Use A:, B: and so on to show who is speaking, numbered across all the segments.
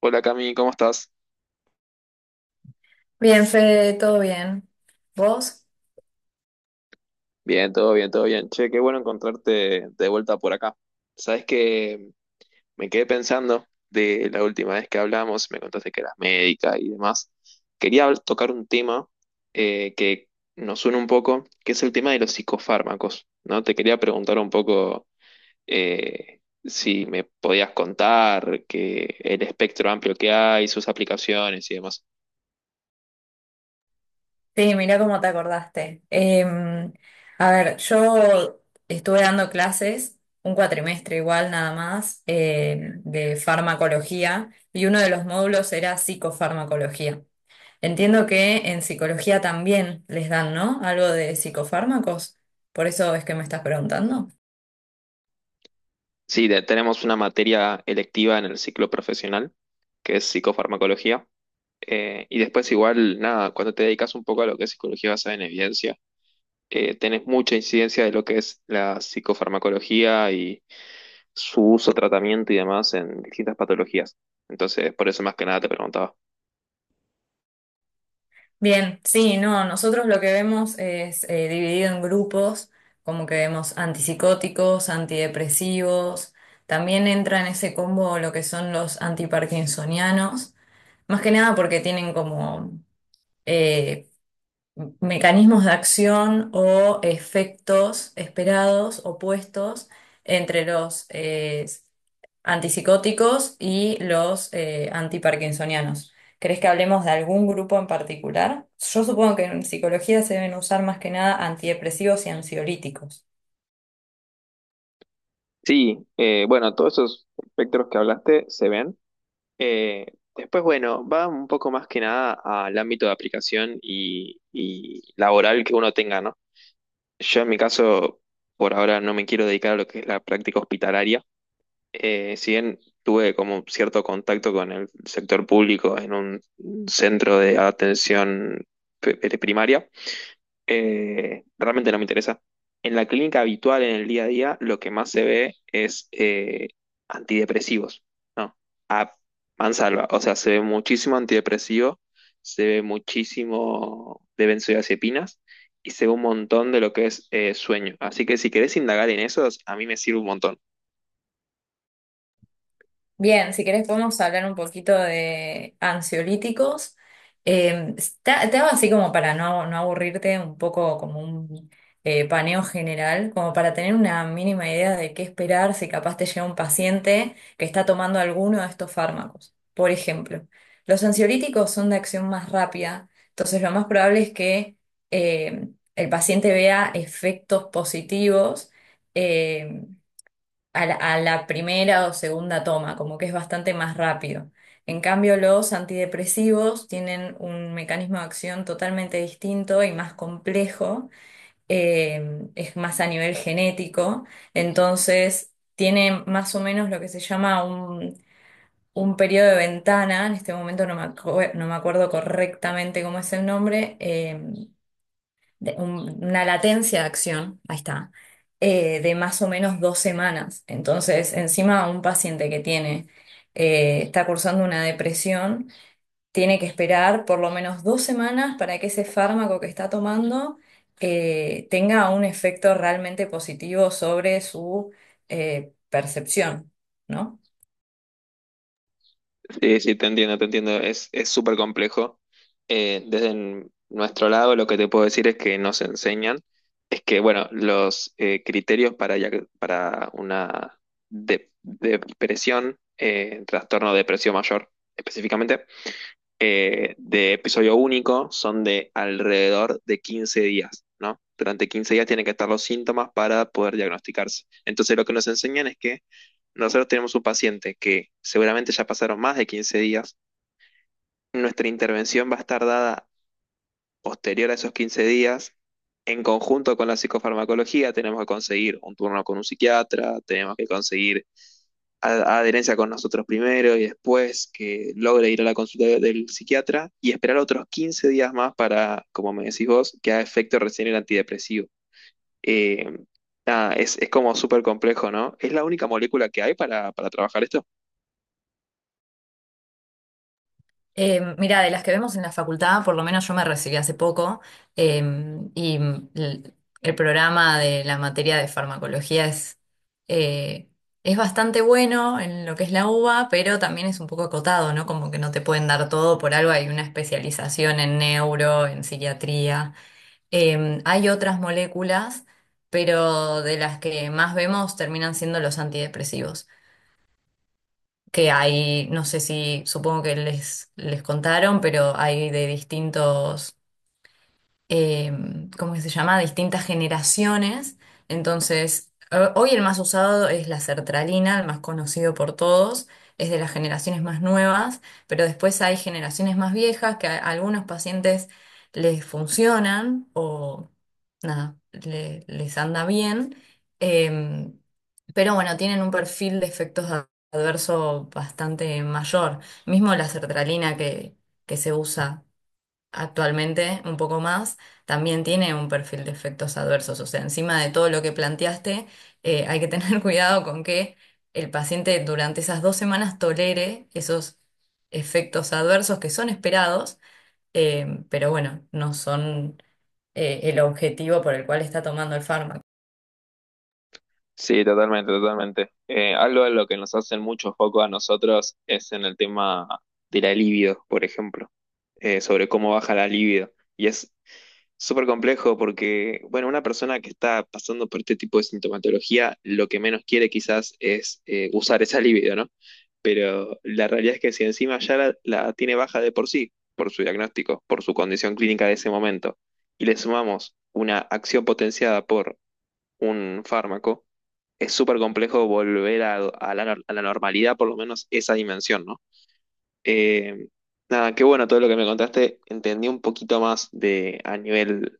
A: Hola Cami, ¿cómo estás?
B: Bien, Fede, todo bien. ¿Vos?
A: Bien, todo bien, todo bien. Che, qué bueno encontrarte de vuelta por acá. Sabes que me quedé pensando de la última vez que hablamos, me contaste que eras médica y demás. Quería tocar un tema, que nos suena un poco, que es el tema de los psicofármacos, ¿no? Te quería preguntar un poco, si me podías contar que el espectro amplio que hay, sus aplicaciones y demás.
B: Sí, mira cómo te acordaste. A ver, yo estuve dando clases, un cuatrimestre igual nada más, de farmacología, y uno de los módulos era psicofarmacología. Entiendo que en psicología también les dan, ¿no? Algo de psicofármacos, por eso es que me estás preguntando.
A: Sí, tenemos una materia electiva en el ciclo profesional, que es psicofarmacología. Y después igual, nada, cuando te dedicas un poco a lo que es psicología basada en evidencia, tenés mucha incidencia de lo que es la psicofarmacología y su uso, tratamiento y demás en distintas patologías. Entonces, por eso más que nada te preguntaba.
B: Bien, sí, no, nosotros lo que vemos es dividido en grupos, como que vemos antipsicóticos, antidepresivos, también entra en ese combo lo que son los antiparkinsonianos, más que nada porque tienen como eh, mecanismos de acción o efectos esperados opuestos entre los antipsicóticos y los antiparkinsonianos. ¿Crees que hablemos de algún grupo en particular? Yo supongo que en psicología se deben usar más que nada antidepresivos y ansiolíticos.
A: Sí, bueno, todos esos espectros que hablaste se ven. Eh, Después, bueno, va un poco más que nada al ámbito de aplicación y laboral que uno tenga, ¿no? Yo en mi caso, por ahora no me quiero dedicar a lo que es la práctica hospitalaria. Si bien tuve como cierto contacto con el sector público en un centro de atención primaria, realmente no me interesa. En la clínica habitual, en el día a día, lo que más se ve es antidepresivos, ¿no? A mansalva, o sea, se ve muchísimo antidepresivo, se ve muchísimo de benzodiazepinas y se ve un montón de lo que es sueño. Así que si querés indagar en esos, a mí me sirve un montón.
B: Bien, si querés podemos hablar un poquito de ansiolíticos. Te hago así como para no aburrirte, un poco como un paneo general, como para tener una mínima idea de qué esperar si capaz te llega un paciente que está tomando alguno de estos fármacos. Por ejemplo, los ansiolíticos son de acción más rápida, entonces lo más probable es que eh, el paciente vea efectos positivos. eh, a la primera o segunda toma, como que es bastante más rápido. En cambio, los antidepresivos tienen un mecanismo de acción totalmente distinto y más complejo, es más a nivel genético, entonces tiene más o menos lo que se llama un periodo de ventana. En este momento no me acuerdo correctamente cómo es el nombre, una latencia de acción, ahí está, de más o menos dos semanas. Entonces, encima un paciente que está cursando una depresión, tiene que esperar por lo menos dos semanas para que ese fármaco que está tomando tenga un efecto realmente positivo sobre su percepción, ¿no?
A: Sí, sí, te entiendo, te entiendo. Es súper complejo. Desde nuestro lado, lo que te puedo decir es que nos enseñan, es que, bueno, los criterios para, para una depresión, trastorno de depresión mayor específicamente, de episodio único son de alrededor de 15 días, ¿no? Durante 15 días tienen que estar los síntomas para poder diagnosticarse. Entonces, lo que nos enseñan es que nosotros tenemos un paciente que seguramente ya pasaron más de 15 días, nuestra intervención va a estar dada posterior a esos 15 días. En conjunto con la psicofarmacología, tenemos que conseguir un turno con un psiquiatra, tenemos que conseguir adherencia con nosotros primero y después que logre ir a la consulta del psiquiatra y esperar otros 15 días más para, como me decís vos, que haga efecto recién el antidepresivo. Eh, nada, es como súper complejo, ¿no? ¿Es la única molécula que hay para trabajar esto?
B: Mira, de las que vemos en la facultad, por lo menos yo me recibí hace poco, eh, y el, el programa de la materia de farmacología eh, es bastante bueno en lo que es la UBA, pero también es un poco acotado, ¿no? Como que no te pueden dar todo, por algo hay una especialización en neuro, en psiquiatría. Hay otras moléculas, pero de las que más vemos terminan siendo los antidepresivos que hay, no sé si, supongo que les contaron, pero hay de distintos eh, ¿cómo que se llama? Distintas generaciones. Entonces, hoy el más usado es la sertralina, el más conocido por todos, es de las generaciones más nuevas, pero después hay generaciones más viejas que a algunos pacientes les funcionan o nada, les anda bien. eh, pero bueno, tienen un perfil de efectos adversos bastante mayor. Mismo la sertralina que se usa actualmente un poco más, también tiene un perfil de efectos adversos. O sea, encima de todo lo que planteaste, hay que tener cuidado con que el paciente durante esas dos semanas tolere esos efectos adversos que son esperados, pero bueno, no son el objetivo por el cual está tomando el fármaco.
A: Sí, totalmente, totalmente. Algo de lo que nos hacen mucho foco a nosotros es en el tema de la libido, por ejemplo, sobre cómo baja la libido. Y es súper complejo porque, bueno, una persona que está pasando por este tipo de sintomatología, lo que menos quiere quizás es usar esa libido, ¿no? Pero la realidad es que si encima ya la tiene baja de por sí, por su diagnóstico, por su condición clínica de ese momento, y le sumamos una acción potenciada por un fármaco, es súper complejo volver a la, nor- a la normalidad, por lo menos esa dimensión, ¿no? Eh, nada, qué bueno todo lo que me contaste, entendí un poquito más de a nivel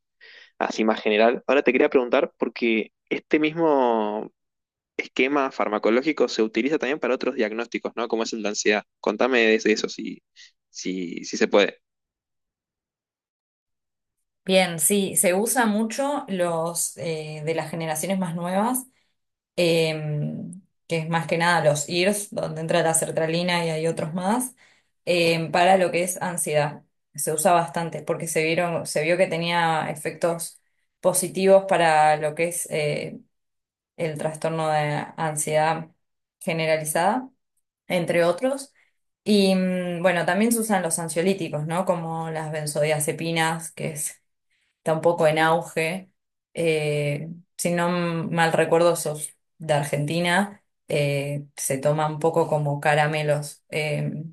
A: así más general. Ahora te quería preguntar, porque este mismo esquema farmacológico se utiliza también para otros diagnósticos, ¿no? Como es el de ansiedad. Contame de eso, si se puede.
B: Bien, sí, se usa mucho los de las generaciones más nuevas em, que es más que nada los IRS, donde entra la sertralina y hay otros más, para lo que es ansiedad. Se usa bastante porque se se vio que tenía efectos positivos para lo que es el trastorno de ansiedad generalizada, entre otros. Y mm, bueno, también se usan los ansiolíticos, ¿no? Como las benzodiazepinas, que es está un poco en auge. Eh, si no mal recuerdo, sos de Argentina. Eh, se toma un poco como caramelos.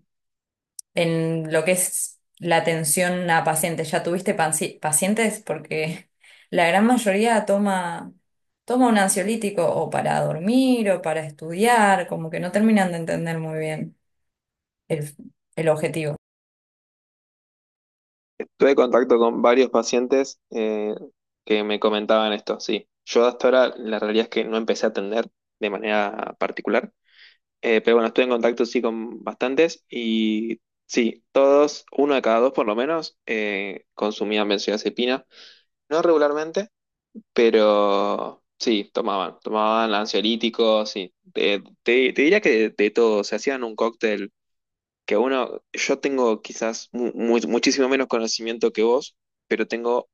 B: En lo que es la atención a pacientes, ¿ya tuviste pacientes? Porque la gran mayoría toma un ansiolítico o para dormir o para estudiar, como que no terminan de entender muy bien el el objetivo.
A: Tuve contacto con varios pacientes que me comentaban esto, sí. Yo hasta ahora la realidad es que no empecé a atender de manera particular. Pero bueno, estuve en contacto sí con bastantes y sí, todos, uno de cada dos por lo menos, consumían benzodiazepina. No regularmente, pero sí, tomaban ansiolíticos, sí. Te, te diría que de todo, se hacían un cóctel que uno, yo tengo quizás muchísimo menos conocimiento que vos, pero tengo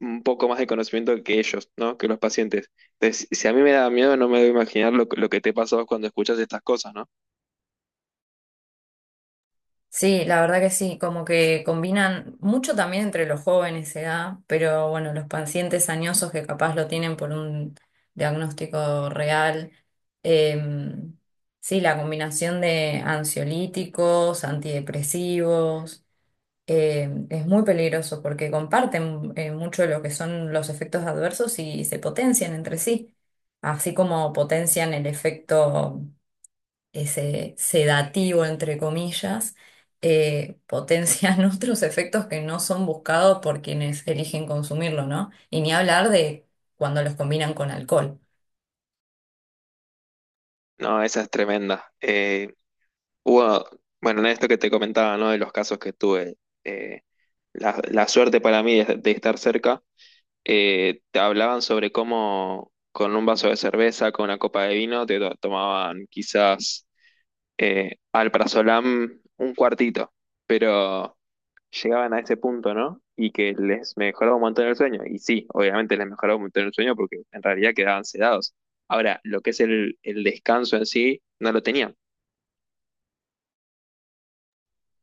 A: un poco más de conocimiento que ellos, ¿no? Que los pacientes. Entonces, si a mí me da miedo, no me debo imaginar lo, lo que te pasó cuando escuchas estas cosas, ¿no?
B: Sí, la verdad que sí, como que combinan mucho también entre los jóvenes edad, pero bueno, los pacientes añosos que capaz lo tienen por un diagnóstico real. eh, sí, la combinación de ansiolíticos, antidepresivos, es muy peligroso porque comparten mucho de lo que son los efectos adversos y se potencian entre sí, así como potencian el efecto ese sedativo, entre comillas. Potencian otros efectos que no son buscados por quienes eligen consumirlo, ¿no? Y ni hablar de cuando los combinan con alcohol.
A: No, esa es tremenda. Hubo, bueno, en esto que te comentaba, ¿no? De los casos que tuve, eh, la, la suerte para mí de estar cerca, te hablaban sobre cómo con un vaso de cerveza, con una copa de vino, te tomaban quizás alprazolam un cuartito, pero llegaban a ese punto, ¿no? Y que les mejoraba un montón el sueño. Y sí, obviamente les mejoraba un montón el sueño porque en realidad quedaban sedados. Ahora, lo que es el descanso en sí, no lo tenían.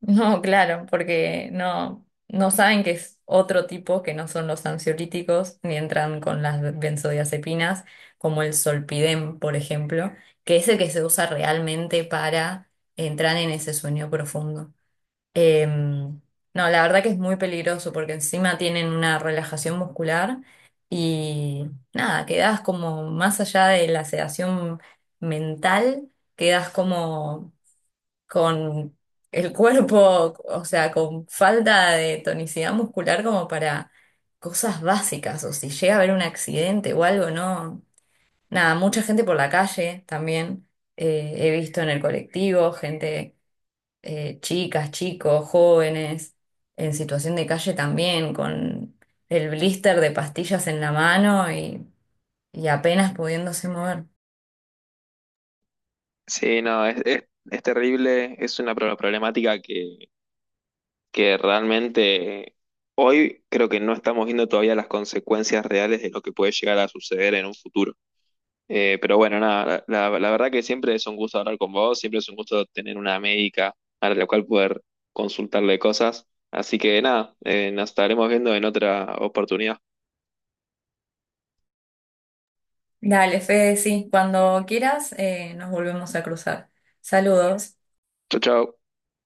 B: No, claro, porque no saben que es otro tipo que no son los ansiolíticos, ni entran con las benzodiazepinas, como el solpidem, por ejemplo, que es el que se usa realmente para entrar en ese sueño profundo. Em, no, la verdad que es muy peligroso porque encima tienen una relajación muscular y nada, quedas como más allá de la sedación mental, quedas como con el cuerpo, o sea, con falta de tonicidad muscular como para cosas básicas o si llega a haber un accidente o algo, ¿no? Nada, mucha gente por la calle también, he visto en el colectivo, gente chicas, chicos, jóvenes, en situación de calle también, con el blister de pastillas en la mano y apenas pudiéndose mover.
A: Sí, no, es terrible, es una problemática que realmente hoy creo que no estamos viendo todavía las consecuencias reales de lo que puede llegar a suceder en un futuro. Pero bueno, nada, la, la verdad que siempre es un gusto hablar con vos, siempre es un gusto tener una médica a la cual poder consultarle cosas. Así que nada, nos estaremos viendo en otra oportunidad.
B: Dale, Fede, sí, cuando quieras nos volvemos a cruzar. Saludos.
A: Chau, chau.